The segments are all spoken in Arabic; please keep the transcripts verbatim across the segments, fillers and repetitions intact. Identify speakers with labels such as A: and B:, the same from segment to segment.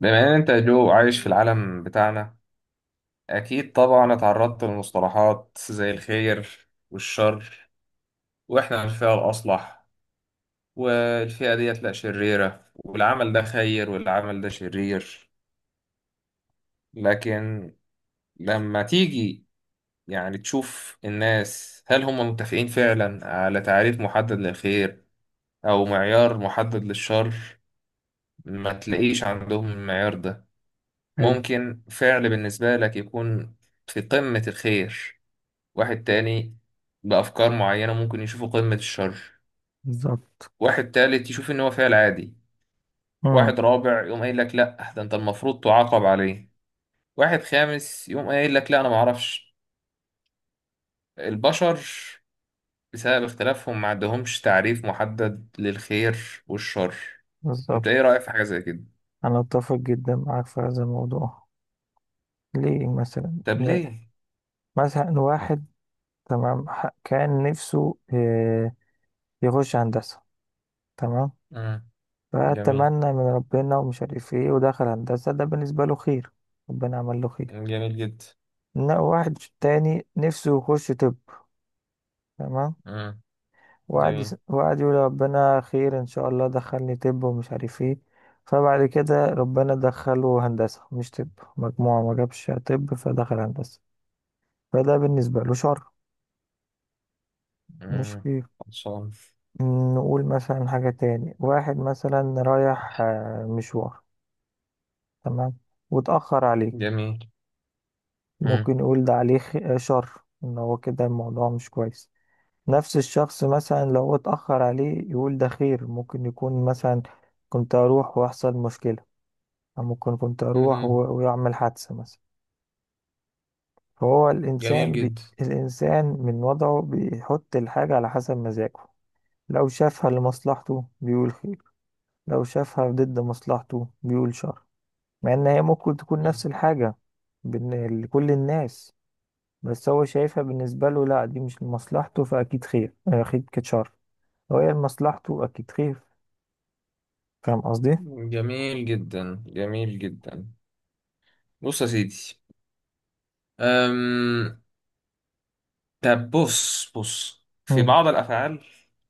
A: بما ان انت يا جو عايش في العالم بتاعنا، اكيد طبعا اتعرضت لمصطلحات زي الخير والشر. واحنا الفئة الاصلح، والفئة ديت لا شريرة، والعمل ده خير والعمل ده شرير. لكن لما تيجي يعني تشوف الناس، هل هم متفقين فعلا على تعريف محدد للخير او معيار محدد للشر؟ ما تلاقيش عندهم المعيار ده.
B: حلو.
A: ممكن فعل بالنسبة لك يكون في قمة الخير، واحد تاني بأفكار معينة ممكن يشوفه قمة الشر،
B: بالظبط.
A: واحد تالت يشوف إن هو فعل عادي،
B: امم.
A: واحد رابع يقوم قايل لك لأ ده أنت المفروض تعاقب عليه، واحد خامس يقوم قايل لك لأ أنا معرفش. البشر، بسبب اختلافهم، ما عندهمش تعريف محدد للخير والشر. أنت
B: بالظبط.
A: إيه رأيك في حاجة زي كده؟
B: انا اتفق جدا معاك في هذا الموضوع، ليه مثلا
A: طب
B: لا؟
A: ليه؟
B: مثلا واحد، تمام، ح- كان نفسه آه، يخش هندسة، تمام.
A: مم. جميل.
B: فأتمنى من ربنا ومش عارف ايه ودخل هندسة، ده بالنسبة له خير، ربنا عمل له خير.
A: جميل جدا.
B: إن واحد تاني نفسه يخش طب، تمام،
A: مم.
B: وقعد
A: جميل.
B: يس- وقعد يقول ربنا خير ان شاء الله دخلني طب ومش عارف ايه. فبعد كده ربنا دخله هندسة مش طب، مجموعة ما جابش طب فدخل هندسة، فده بالنسبة له شر مش
A: مم.
B: خير.
A: خلصان.
B: نقول مثلا حاجة تاني، واحد مثلا رايح آه، مشوار، تمام، واتأخر عليه،
A: جميل. مم.
B: ممكن نقول ده عليه خ- آه، شر، ان هو كده الموضوع مش كويس. نفس الشخص مثلا لو اتأخر عليه يقول ده خير، ممكن يكون مثلا كنت اروح واحصل مشكلة، ممكن كنت أروح
A: مهم.
B: و- ويعمل حادثة مثلا. فهو
A: جميل
B: الإنسان بي...
A: جدا،
B: الإنسان من وضعه بيحط الحاجة على حسب مزاجه، لو شافها لمصلحته بيقول خير، لو شافها ضد مصلحته بيقول شر، مع إن هي ممكن تكون نفس الحاجة بين لكل الناس، بس هو شايفها بالنسبة له لا دي مش لمصلحته فأكيد خير أكيد كانت شر، لو هي لمصلحته أكيد خير. فاهم قصدي؟
A: جميل جدا. جميل جدا. بص يا سيدي. أم... طب بص بص في
B: مم.
A: بعض الأفعال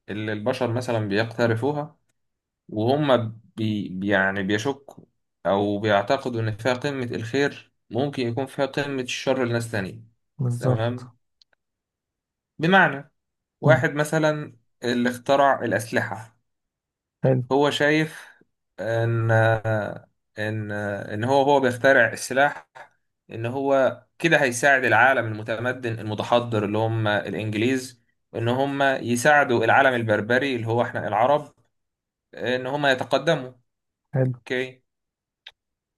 A: اللي البشر مثلا بيقترفوها، وهم بي... بي- يعني بيشكوا أو بيعتقدوا إن فيها قمة الخير، ممكن يكون فيها قمة الشر لناس تانية.
B: بالظبط.
A: تمام. بمعنى،
B: مم.
A: واحد مثلا اللي اخترع الأسلحة،
B: حلو.
A: هو شايف ان ان ان هو هو بيخترع السلاح، ان هو كده هيساعد العالم المتمدن المتحضر اللي هم الانجليز، ان هم يساعدوا العالم البربري اللي هو احنا العرب، ان هم يتقدموا.
B: حلو.
A: اوكي،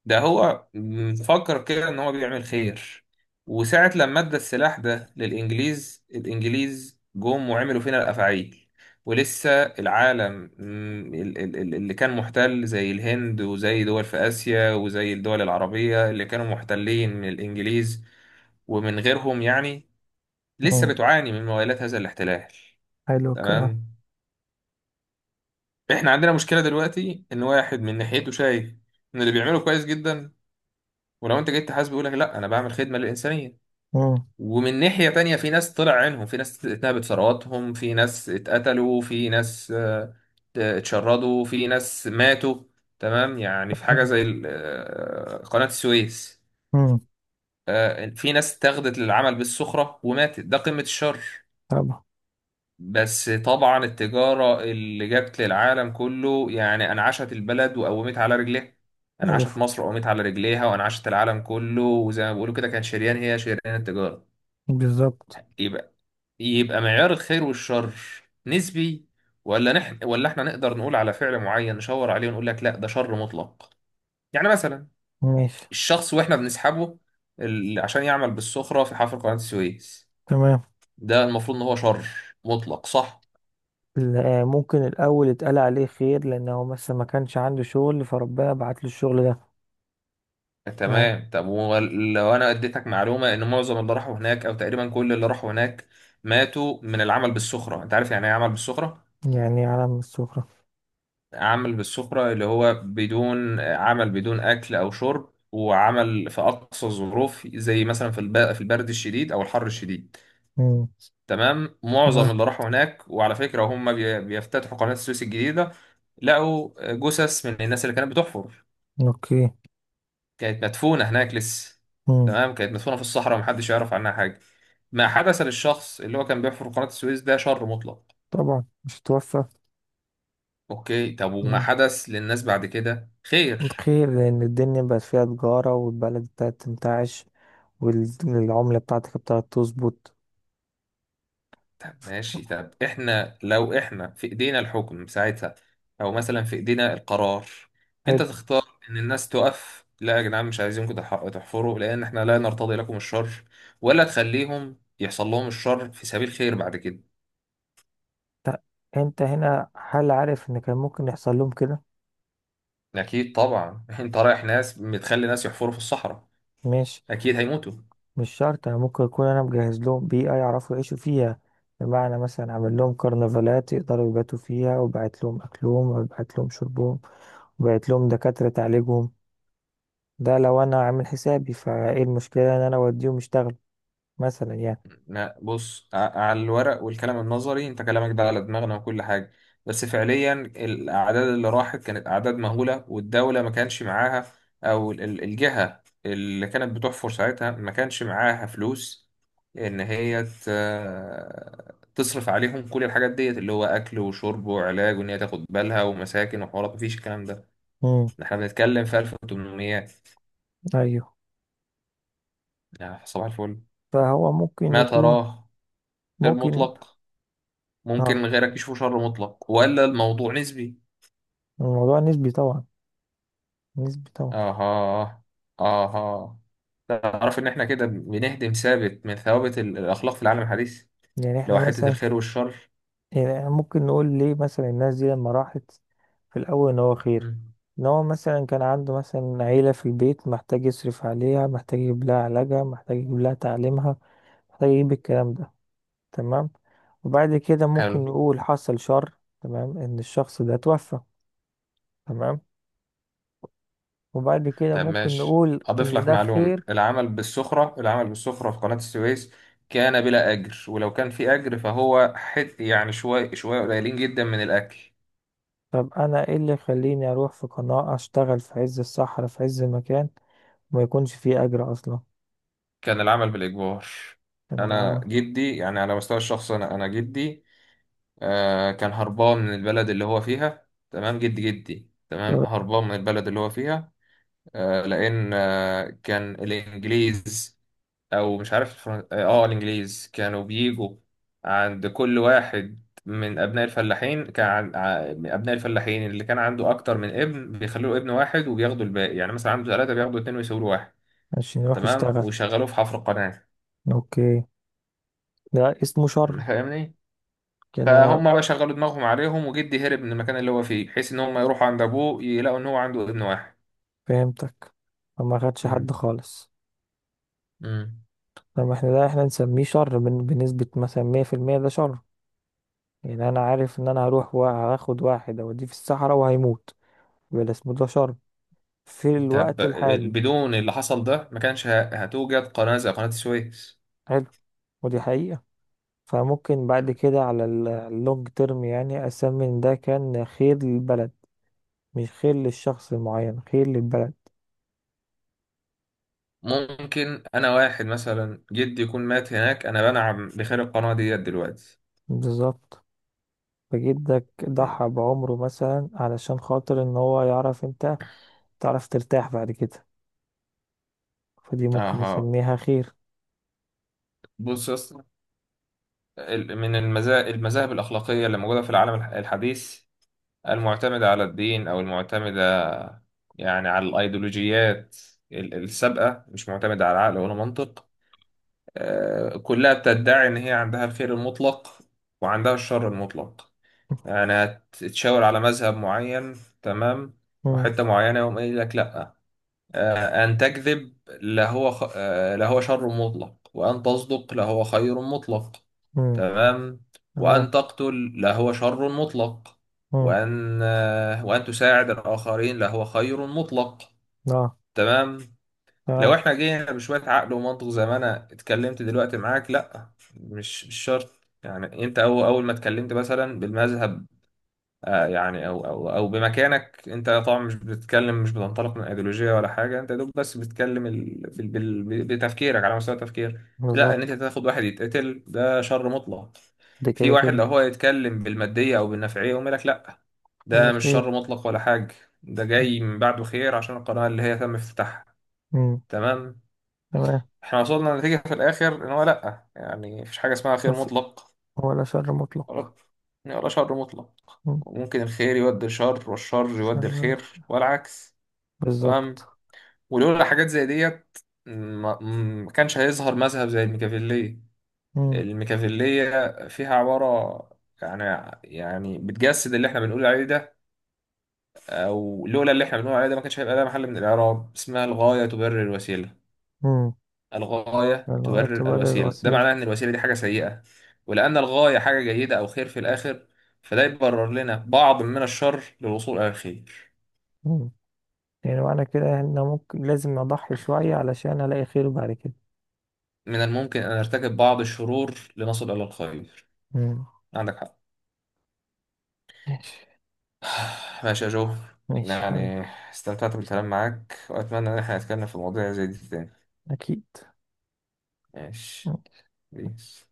A: ده هو مفكر كده ان هو بيعمل خير. وساعة لما ادى السلاح ده للانجليز، الانجليز جم وعملوا فينا الافاعيل. ولسه العالم مم، ال- ال- ال- اللي كان محتل زي الهند وزي دول في اسيا وزي الدول العربية اللي كانوا محتلين من الانجليز ومن غيرهم يعني، لسه
B: مم.
A: بتعاني من موالات هذا الاحتلال.
B: حلو الكلام.
A: تمام. احنا عندنا مشكلة دلوقتي، ان واحد من ناحيته شايف ان اللي بيعمله كويس جدا، ولو انت جيت تحاسبه يقول لك لا انا بعمل خدمه للانسانيه.
B: مم.
A: ومن ناحية تانية، في ناس طلع عينهم، في ناس اتنهبت ثرواتهم، في ناس اتقتلوا، في ناس آه، آه، اتشردوا، في ناس ماتوا. تمام، يعني في حاجة زي ال- آه، قناة السويس.
B: امم.
A: آه، في ناس اتاخدت للعمل بالسخرة وماتت، ده قمة الشر.
B: طبعا.
A: بس طبعا التجارة اللي جت للعالم كله يعني أنعشت البلد وقومت على رجليها، أنعشت
B: ألف.
A: مصر وقومت على رجليها، وأنعشت العالم كله، وزي ما بيقولوا كده، كان شريان، هي شريان التجارة.
B: بالظبط.
A: يبقى يبقى معيار الخير والشر نسبي؟ ولا نح ولا احنا نقدر نقول على فعل معين نشاور عليه ونقول لك لا ده شر مطلق؟ يعني مثلا
B: ماشي.
A: الشخص واحنا بنسحبه ال- عشان يعمل بالسخرة في حفر قناة السويس،
B: تمام.
A: ده المفروض ان هو شر مطلق، صح؟
B: لا، ممكن الأول يتقال عليه خير لأنه مثلا ما كانش عنده شغل فربنا بعت له الشغل ده. آه.
A: تمام. طب ولو انا اديتك معلومة ان معظم اللي راحوا هناك، او تقريبا كل اللي راحوا هناك، ماتوا من العمل بالسخرة. انت عارف يعني ايه عمل بالسخرة؟
B: يعني علم من السفرة.
A: عمل بالسفرة اللي هو بدون عمل، بدون أكل أو شرب، وعمل في أقصى الظروف، زي مثلا في الب- في البرد الشديد أو الحر الشديد.
B: امم.
A: تمام. معظم
B: تمام.
A: اللي راحوا هناك، وعلى فكرة هم بي- بيفتتحوا قناة السويس الجديدة، لقوا جثث من الناس اللي كانت بتحفر،
B: أوكي.
A: كانت مدفونة هناك لسه.
B: امم.
A: تمام، كانت مدفونة في الصحراء ومحدش يعرف عنها حاجة. ما حدث للشخص اللي هو كان بيحفر قناة السويس، ده شر مطلق.
B: طبعا مش هتوفى.
A: أوكي. طب وما
B: امم.
A: حدث للناس بعد كده خير؟
B: خير لأن الدنيا بقت فيها تجارة والبلد بتاعت تنتعش، والعملة بتاعتك بتاعت تظبط.
A: طب ماشي، طب احنا لو احنا في ايدينا الحكم ساعتها، او مثلا في ايدينا القرار، انت
B: حلو.
A: تختار ان الناس تقف، لا يا جدعان مش عايزينكم تح- تحفروا لان احنا لا نرتضي لكم الشر؟ ولا تخليهم يحصل لهم الشر في سبيل خير بعد كده؟
B: ط- أنت هنا هل عارف إن كان ممكن يحصل لهم كده؟
A: اكيد طبعا. انت رايح ناس بتخلي ناس يحفروا في الصحراء،
B: ماشي.
A: اكيد هيموتوا.
B: مش شرط، يعني ممكن يكون انا مجهز لهم بيئة يعرفوا يعيشوا فيها، بمعنى مثلا عامل لهم كرنفالات يقدروا يباتوا فيها وبعت لهم اكلهم وبعت لهم شربهم وبعت لهم دكاترة تعالجهم، ده لو انا عامل حسابي، فايه المشكلة ان انا اوديهم يشتغلوا مثلا يعني.
A: لا بص، ع- على الورق والكلام النظري انت كلامك ده على دماغنا وكل حاجة، بس فعليا الأعداد اللي راحت كانت أعداد مهولة، والدولة ما كانش معاها، أو ال- ال- الجهة اللي كانت بتحفر ساعتها ما كانش معاها فلوس إن هي ت- تصرف عليهم كل الحاجات ديت، اللي هو أكل وشرب وعلاج، وإن هي تاخد بالها ومساكن وحوارات. مفيش الكلام ده.
B: امم.
A: احنا بنتكلم في ألف وثمانمائة،
B: ايوه.
A: يعني صباح الفل.
B: فهو ممكن
A: ما
B: يكون.
A: تراه خير
B: ممكن.
A: مطلق
B: اه.
A: ممكن غيرك يشوفه شر مطلق، ولا الموضوع نسبي؟
B: الموضوع نسبي طبعا. نسبي طبعا.
A: اها، اها. تعرف ان احنا كده بنهدم ثابت من ثوابت ال- الاخلاق في العالم الحديث،
B: يعني
A: اللي
B: احنا
A: هو حته
B: مثلا،
A: الخير والشر؟
B: يعني إحنا ممكن نقول ليه مثلا الناس دي لما راحت في الأول إن هو خير،
A: مم.
B: إن هو مثلا كان عنده مثلا عيلة في البيت محتاج يصرف عليها محتاج يجيب لها علاجها محتاج يجيب لها تعليمها محتاج يجيب الكلام ده، تمام. وبعد كده
A: حلو.
B: ممكن نقول حصل شر، تمام، إن الشخص ده توفى، تمام. وبعد كده
A: طب
B: ممكن
A: ماشي،
B: نقول
A: اضيف
B: إن
A: لك
B: ده
A: معلومه.
B: خير.
A: العمل بالسخره، العمل بالسخره في قناه السويس كان بلا اجر، ولو كان في اجر فهو حت يعني شويه شويه، قليلين جدا من الاكل.
B: طب أنا إيه اللي يخليني أروح في قناة أشتغل في عز الصحراء في عز المكان وما يكونش فيه أجر أصلا؟
A: كان العمل بالاجبار.
B: من
A: انا
B: العمل.
A: جدي، يعني على مستوى الشخص، انا انا جدي آه كان هربان من البلد اللي هو فيها. تمام، جد جدي، تمام، هربان من البلد اللي هو فيها. آه لأن آه كان الإنجليز، أو مش عارف الفرن... آه آه، الإنجليز كانوا بيجوا عند كل واحد من أبناء الفلاحين. كان عن... ع- من أبناء الفلاحين اللي كان عنده أكتر من ابن بيخلوا له ابن واحد وبياخدوا الباقي. يعني مثلا عنده ثلاثة، بياخدوا اتنين ويسيبوا له واحد.
B: عشان يروح
A: تمام،
B: يشتغل.
A: ويشغلوه في حفر قناة.
B: اوكي. ده اسمه شر.
A: فاهمني؟
B: كان انا.
A: فهم بقى، شغلوا دماغهم عليهم، وجدي هرب من المكان اللي هو فيه بحيث ان هم يروحوا عند ابوه يلاقوا ان هو عنده ابن واحد.
B: فهمتك. فما خدش حد
A: مم.
B: خالص.
A: مم.
B: لما احنا ده احنا نسميه شر بن- بنسبة مثلا مية في المية، ده شر، يعني انا عارف ان انا هروح وهاخد واحد اوديه في الصحراء وهيموت، يبقى ده اسمه ده شر في
A: طب
B: الوقت الحالي.
A: بدون اللي حصل ده ما كانش ه- هتوجد قناة زي قناة السويس.
B: حلو. ودي حقيقة. فممكن بعد كده على ال- اللونج تيرم يعني اسمي ان ده كان خير للبلد، مش خير للشخص المعين خير للبلد.
A: ممكن انا، واحد مثلا جدي يكون مات هناك، انا بنعم بخير القناة ديت دلوقتي.
B: بالظبط. فجدك
A: مم.
B: ضحى بعمره مثلا علشان خاطر ان هو يعرف انت تعرف ترتاح بعد كده، فدي ممكن
A: اها.
B: نسميها خير.
A: بص يا اسطى، ال- من المذاهب المذاهب الاخلاقية اللي موجودة في العالم الح- الحديث، المعتمدة على الدين أو المعتمدة يعني على الأيديولوجيات ال- السابقة، مش معتمدة على عقل ولا منطق. آه، كلها بتدعي إن هي عندها الخير المطلق وعندها الشر المطلق. يعني هتتشاور على مذهب معين، تمام،
B: مم.
A: وحتة معينة يقوم قايل لك لأ، آه، أن تكذب لهو خ... آه، لهو شر مطلق، وأن تصدق لهو خير مطلق.
B: مم.
A: تمام. وأن
B: تمام.
A: تقتل لهو شر مطلق.
B: مم.
A: وأن آه، وأن تساعد الآخرين لهو خير مطلق.
B: اه.
A: تمام. لو
B: تمام.
A: احنا جينا بشوية عقل ومنطق زي ما أنا اتكلمت دلوقتي معاك، لأ، مش مش شرط. يعني أنت أول أول ما اتكلمت مثلا بالمذهب، آه يعني او او او بمكانك، انت طبعا مش بتتكلم، مش بتنطلق من ايديولوجيه ولا حاجه، انت يا دوب بس بتتكلم ال... في ال... بال... بتفكيرك، على مستوى التفكير. لا، ان انت
B: بالظبط.
A: تاخد واحد يتقتل ده شر مطلق.
B: ده
A: في
B: كده
A: واحد
B: كده.
A: لو هو يتكلم بالماديه او بالنفعيه يقوم لك لا
B: ده
A: ده مش
B: خير.
A: شر مطلق ولا حاجه، ده جاي من بعده خير عشان القناه اللي هي تم افتتاحها.
B: مم.
A: تمام.
B: تمام.
A: احنا وصلنا لنتيجه في الاخر ان هو لا، يعني مفيش حاجه اسمها خير
B: مف-
A: مطلق
B: ولا شر مطلق.
A: ولا ولا شر مطلق،
B: مم.
A: وممكن الخير يودي الشر والشر
B: شر.
A: يودي
B: يد-
A: الخير والعكس. تمام.
B: بالظبط.
A: ولولا حاجات زي ديت ما ما كانش هيظهر مذهب زي الميكافيلية.
B: مم.
A: الميكافيلية فيها عبارة يعني، يعني بتجسد اللي احنا بنقول عليه ده، او لولا اللي احنا بنقول عليه ده ما كانش هيبقى ده محل من الاعراب، اسمها الغاية تبرر الوسيلة.
B: مم.
A: الغاية
B: لغاية
A: تبرر
B: تبرر
A: الوسيلة. ده
B: الوسيلة.
A: معناه ان الوسيلة دي حاجة سيئة، ولأن الغاية حاجة جيدة او خير في الاخر، فده يبرر لنا بعض من الشر للوصول الى الخير.
B: مم. يعني معنى كده ان ممكن لازم اضحي شوية علشان الاقي خير بعد كده.
A: من الممكن أن أرتكب بعض الشرور لنصل إلى الخير.
B: مم.
A: عندك حق.
B: ماشي.
A: ماشي يا جو.
B: ماشي يا حبيبي.
A: يعني استمتعت بالكلام معاك وأتمنى إن احنا نتكلم في مواضيع زي دي تاني.
B: اكيد.
A: ماشي.
B: ماشي.
A: بيس.